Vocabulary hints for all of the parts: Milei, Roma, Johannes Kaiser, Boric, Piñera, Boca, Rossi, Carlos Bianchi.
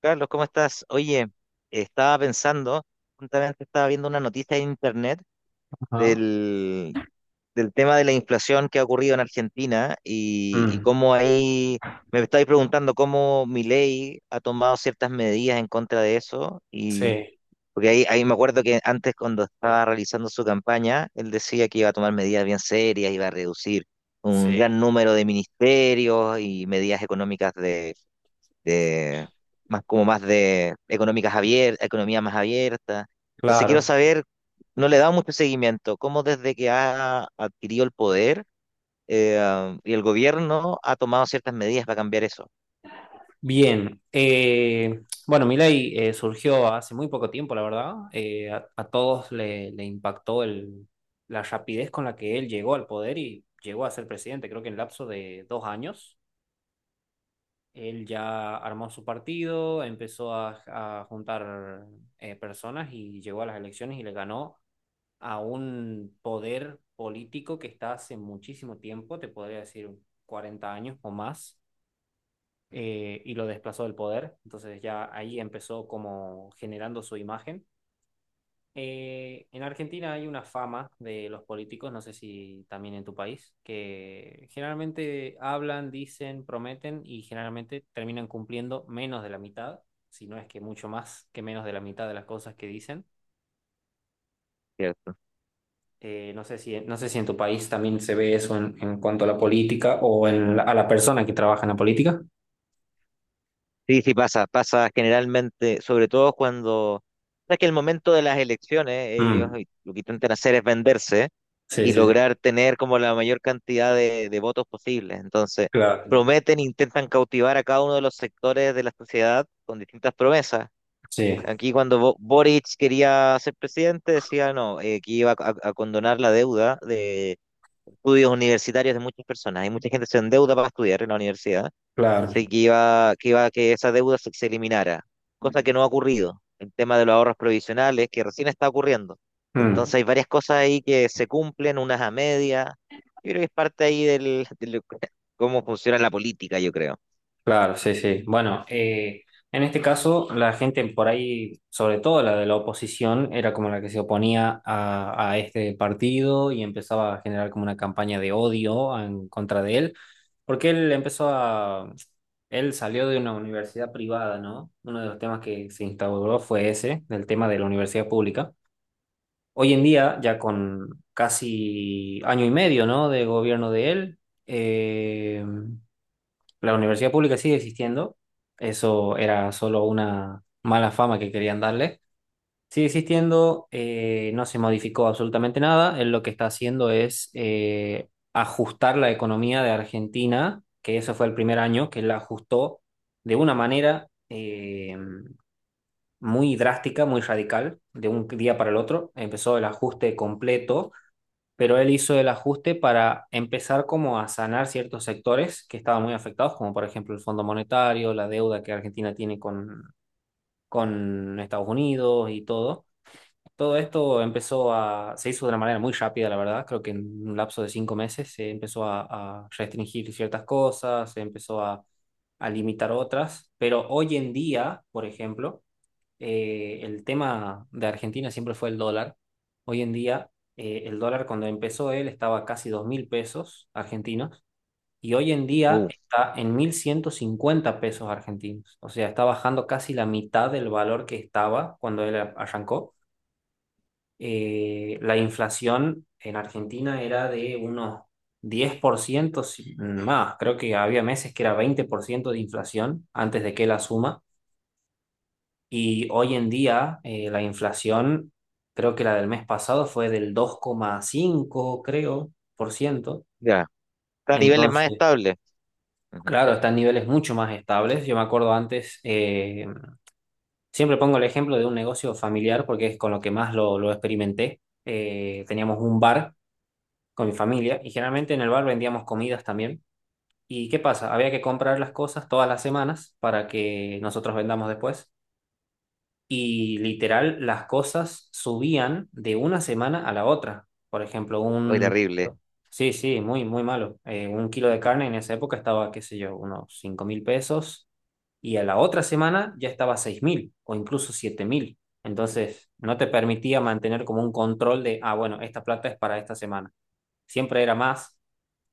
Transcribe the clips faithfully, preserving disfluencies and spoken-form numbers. Carlos, ¿cómo estás? Oye, estaba pensando, justamente estaba viendo una noticia en internet Ah, del, del tema de la inflación que ha ocurrido en Argentina y, y mm, cómo ahí me estáis preguntando cómo Milei ha tomado ciertas medidas en contra de eso. Y sí, porque ahí, ahí me acuerdo que antes, cuando estaba realizando su campaña, él decía que iba a tomar medidas bien serias, iba a reducir un sí, gran número de ministerios y medidas económicas de más como más de económicas abiertas, economía más abierta. Entonces quiero claro. saber, no le he dado mucho seguimiento, cómo desde que ha adquirido el poder eh, y el gobierno ha tomado ciertas medidas para cambiar eso, Bien. eh, bueno, Milei eh, surgió hace muy poco tiempo, la verdad. Eh, a, a todos le, le impactó el, la rapidez con la que él llegó al poder y llegó a ser presidente. Creo que en lapso de dos años, él ya armó su partido, empezó a, a juntar eh, personas y llegó a las elecciones y le ganó a un poder político que está hace muchísimo tiempo, te podría decir cuarenta años o más, eh, y lo desplazó del poder. Entonces ya ahí empezó como generando su imagen. Eh, en Argentina hay una fama de los políticos, no sé si también en tu país, que generalmente hablan, dicen, prometen y generalmente terminan cumpliendo menos de la mitad, si no es que mucho más que menos de la mitad de las cosas que dicen. ¿cierto? Eh, no sé si, no sé si en tu país también se ve eso en, en cuanto a la política o en la- a la persona que trabaja en la política. Sí, sí pasa, pasa generalmente, sobre todo cuando, sabes que el momento de las elecciones, ellos Mm, lo que intentan hacer es venderse sí, y sí, sí, lograr tener como la mayor cantidad de, de votos posibles. Entonces, claro. prometen, intentan cautivar a cada uno de los sectores de la sociedad con distintas promesas. Sí, Aquí cuando Bo- Boric quería ser presidente, decía no, eh, que iba a, a- condonar la deuda de estudios universitarios de muchas personas. Hay mucha gente que se endeuda para estudiar en la universidad. claro. Entonces, que iba, que iba a que esa deuda se, se eliminara, cosa que no ha ocurrido. El tema de los ahorros provisionales, que recién está ocurriendo. Entonces, Mm. hay varias cosas ahí que se cumplen, unas a medias. Yo creo que es parte ahí del, del- cómo funciona la política, yo creo. Claro, sí, sí. Bueno, eh, en este caso, la gente por ahí, sobre todo la de la oposición, era como la que se oponía a, a este partido y empezaba a generar como una campaña de odio en contra de él, porque él empezó a... Él salió de una universidad privada, ¿no? Uno de los temas que se instauró fue ese, del tema de la universidad pública. Hoy en día, ya con casi año y medio, ¿no? De gobierno de él. eh, la universidad pública sigue existiendo, eso era solo una mala fama que querían darle. Sigue existiendo, eh, no se modificó absolutamente nada. Él lo que está haciendo es eh, ajustar la economía de Argentina, que eso fue el primer año, que la ajustó de una manera eh, muy drástica, muy radical, de un día para el otro. Empezó el ajuste completo, pero él hizo el ajuste para empezar como a sanar ciertos sectores que estaban muy afectados, como por ejemplo el Fondo Monetario, la deuda que Argentina tiene con, con Estados Unidos y todo. Todo esto empezó a, se hizo de una manera muy rápida, la verdad. Creo que en un lapso de cinco meses se empezó a, a restringir ciertas cosas, se empezó a, a limitar otras, pero hoy en día, por ejemplo, eh, el tema de Argentina siempre fue el dólar. Hoy en día, eh, el dólar cuando empezó él estaba casi dos mil pesos argentinos y hoy en día Uh, está en mil ciento cincuenta pesos argentinos. O sea, está bajando casi la mitad del valor que estaba cuando él arrancó. Eh, la inflación en Argentina era de unos diez por ciento si- más. Creo que había meses que era veinte por ciento de inflación antes de que él asuma. Y hoy en día eh, la inflación, creo que la del mes pasado fue del dos coma cinco, creo, por ciento. ya. Está a niveles más Entonces, estables. Ujú. claro, están niveles mucho más estables. Yo me acuerdo antes, eh, siempre pongo el ejemplo de un negocio familiar porque es con lo que más lo, lo experimenté. Eh, teníamos un bar con mi familia y generalmente en el bar vendíamos comidas también. ¿Y qué pasa? Había que comprar las cosas todas las semanas para que nosotros vendamos después. Y literal las cosas subían de una semana a la otra. Por ejemplo, Ay, un... terrible. Sí, sí, muy, muy malo. Eh, un kilo de carne en esa época estaba, qué sé yo, unos cinco mil pesos y a la otra semana ya estaba a seis mil o incluso siete mil. Entonces, no te permitía mantener como un control de, ah, bueno, esta plata es para esta semana. Siempre era más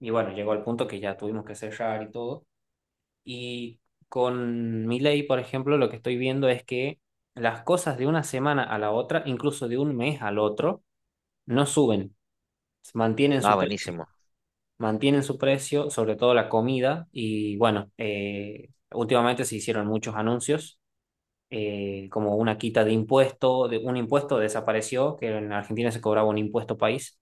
y bueno, llegó al punto que ya tuvimos que cerrar y todo. Y con Milei, por ejemplo, lo que estoy viendo es que las cosas de una semana a la otra, incluso de un mes al otro, no suben, mantienen Ah, su precio, buenísimo. mantienen su precio, sobre todo la comida. Y bueno, eh, últimamente se hicieron muchos anuncios, eh, como una quita de impuesto, de, un impuesto desapareció, que en Argentina se cobraba un impuesto país,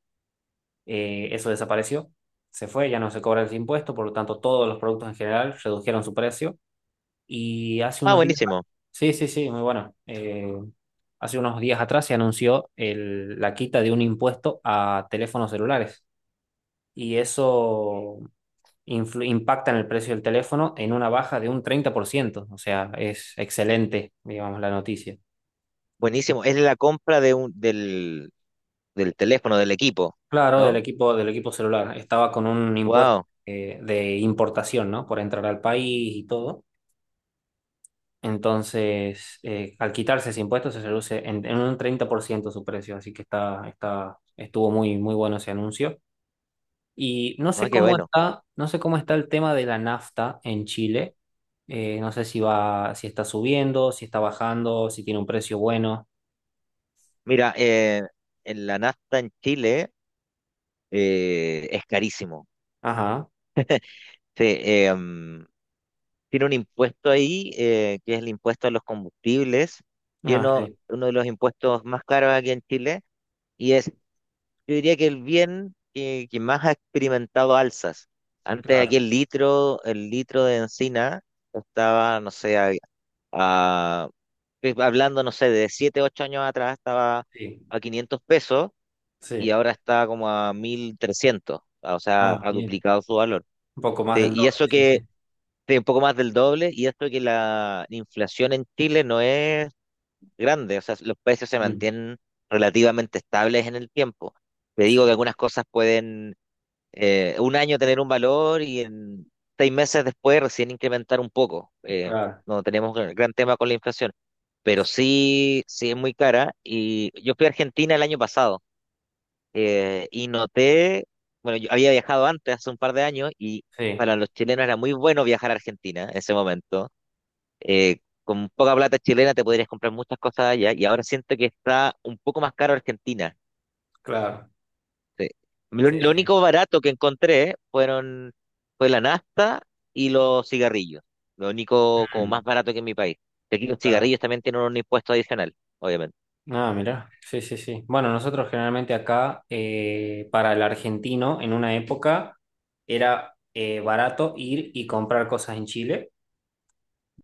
eh, eso desapareció, se fue, ya no se cobra ese impuesto, por lo tanto todos los productos en general redujeron su precio. Y hace Ah, unos días, buenísimo. sí, sí, sí, muy bueno. Eh, hace unos días atrás se anunció el- la quita de un impuesto a teléfonos celulares y eso influ- impacta en el precio del teléfono en una baja de un treinta por ciento. O sea, es excelente, digamos, la noticia. Buenísimo. Es la compra de un, del, del teléfono, del equipo, Claro, del ¿no? equipo, del equipo celular. Estaba con un impuesto Wow. eh, de importación, ¿no? Por entrar al país y todo. Entonces, eh, al quitarse ese impuesto se reduce en, en un treinta por ciento su precio, así que está, está, estuvo muy, muy bueno ese anuncio. Y no No, sé qué cómo bueno. está, no sé cómo está el tema de la nafta en Chile. Eh, no sé si va, si está subiendo, si está bajando, si tiene un precio bueno. Mira, eh, en la nafta en Chile eh, es carísimo. Ajá. Sí, eh, mm, tiene un impuesto ahí, eh, que es el impuesto a los combustibles, que Ah, uno, sí, uno de los impuestos más caros aquí en Chile, y es, yo diría que el bien que, que más ha experimentado alzas. Antes aquí claro. el litro, el litro de encina estaba, no sé, a, a- hablando, no sé, de siete ocho años atrás estaba Sí, a quinientos pesos y sí. ahora está como a mil trescientos. O sea, Ah, ha bien. duplicado su valor. Un poco más Sí, del y doble, eso sí, sí. que, sí, un poco más del doble, y esto que la inflación en Chile no es grande, o sea, los precios se Mm, mantienen relativamente estables en el tiempo. Te sí, digo que algunas cosas pueden eh, un año tener un valor y en seis meses después recién incrementar un poco. Eh, claro. no tenemos gran gran tema con la inflación, pero sí, sí es muy cara. Y yo fui a Argentina el año pasado eh, y noté, bueno, yo había viajado antes, hace un par de años, y Sí, para los chilenos era muy bueno viajar a Argentina en ese momento. Eh, con poca plata chilena te podrías comprar muchas cosas allá, y ahora siento que está un poco más caro Argentina. claro. Sí. Lo, Sí, lo sí. único barato que encontré fueron, fue la nafta y los cigarrillos. Lo único como Mm, más barato que en mi país. Aquí los claro. cigarrillos también tienen un impuesto adicional, obviamente. Ah, mirá, sí, sí, sí. Bueno, nosotros generalmente acá, eh, para el argentino, en una época era eh, barato ir y comprar cosas en Chile.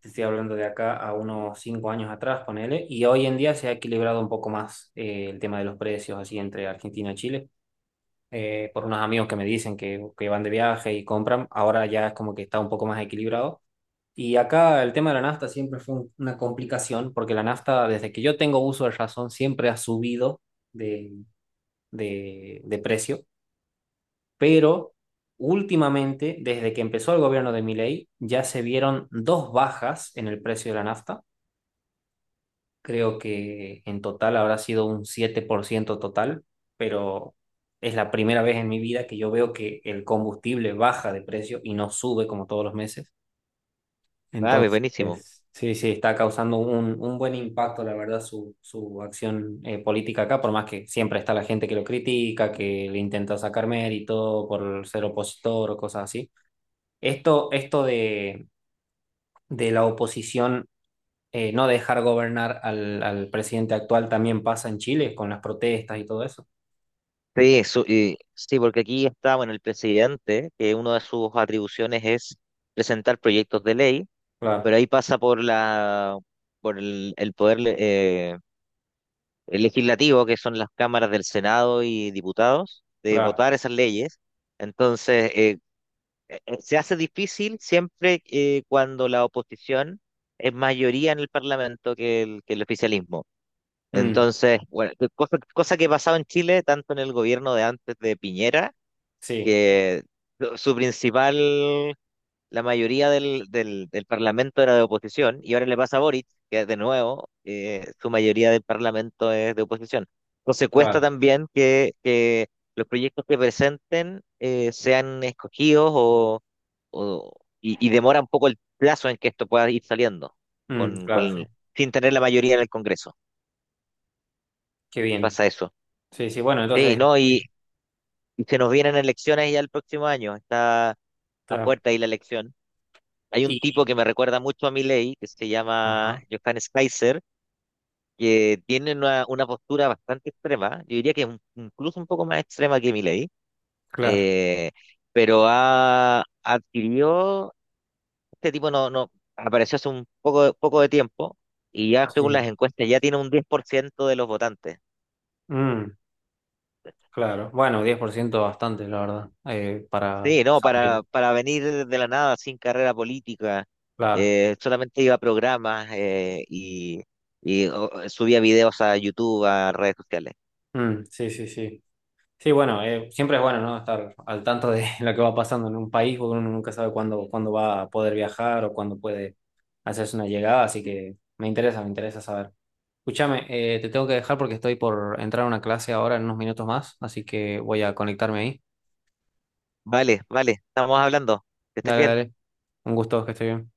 Te estoy hablando de acá a unos cinco años atrás, ponele. Y hoy en día se ha equilibrado un poco más, eh, el tema de los precios, así entre Argentina y Chile. Eh, por unos amigos que me dicen que, que van de viaje y compran, ahora ya es como que está un poco más equilibrado. Y acá el tema de la nafta siempre fue un- una complicación, porque la nafta, desde que yo tengo uso de razón, siempre ha subido de, de, de precio, pero últimamente, desde que empezó el gobierno de Milei, ya se vieron dos bajas en el precio de la nafta. Creo que en total habrá sido un siete por ciento total, pero es la primera vez en mi vida que yo veo que el combustible baja de precio y no sube como todos los meses. Ah, pues buenísimo. Entonces, sí, sí, está causando un, un buen impacto, la verdad, su, su acción eh, política acá, por más que siempre está la gente que lo critica, que le intenta sacar mérito por ser opositor o cosas así. Esto, esto de, de la oposición eh, no dejar gobernar al, al presidente actual también pasa en Chile con las protestas y todo eso. Sí, eso, eh, sí, porque aquí está, bueno, el presidente, que una de sus atribuciones es presentar proyectos de ley, pero Claro, ahí pasa por la, por el, el poder le- eh, el legislativo, que son las cámaras del Senado y diputados, de claro. votar esas leyes. Entonces, eh, eh, eh, se hace difícil siempre eh, cuando la oposición es mayoría en el Parlamento que el, que el oficialismo. Mm, Entonces, bueno, cosa, cosa que pasaba en Chile, tanto en el gobierno de antes de Piñera, sí, que su su principal, la mayoría del, del, del Parlamento era de oposición, y ahora le pasa a Boric, que de nuevo eh, su mayoría del Parlamento es de oposición. Entonces cuesta claro. también que, que los proyectos que presenten eh, sean escogidos o, o- y, y demora un poco el plazo en que esto pueda ir saliendo, Mm, con, claro, sí. con, sin tener la mayoría en el Congreso. Qué bien. Pasa eso. Sí, sí, bueno, Sí, entonces, no, y, eh, y se nos vienen elecciones ya el próximo año, está a claro. puerta ahí la elección. Hay un Y, tipo que me recuerda mucho a Milei, que se llama ajá, Johannes Kaiser, que tiene una, una postura bastante extrema, yo diría que un- incluso un poco más extrema que Milei, claro. eh, pero ha adquirió, este tipo no, no apareció hace un poco, poco de tiempo y ya según las Sí. encuestas ya tiene un diez por ciento de los votantes. Mm, claro. Bueno, diez por ciento bastante, la verdad, eh, para Sí, no, para, salir. para venir de la nada sin carrera política, Claro. eh, solamente iba a programas eh, y, y, oh, subía videos a YouTube, a redes sociales. Mm, sí, sí, sí. Sí, bueno, eh, siempre es bueno, ¿no? Estar al tanto de lo que va pasando en un país, porque uno nunca sabe cuándo, cuándo va a poder viajar o cuándo puede hacerse una llegada, así que me interesa, me interesa saber. Escúchame, eh, te tengo que dejar porque estoy por entrar a una clase ahora en unos minutos más, así que voy a conectarme ahí. Vale, vale, estamos hablando. Que estés Dale, bien. dale. Un gusto, que esté bien.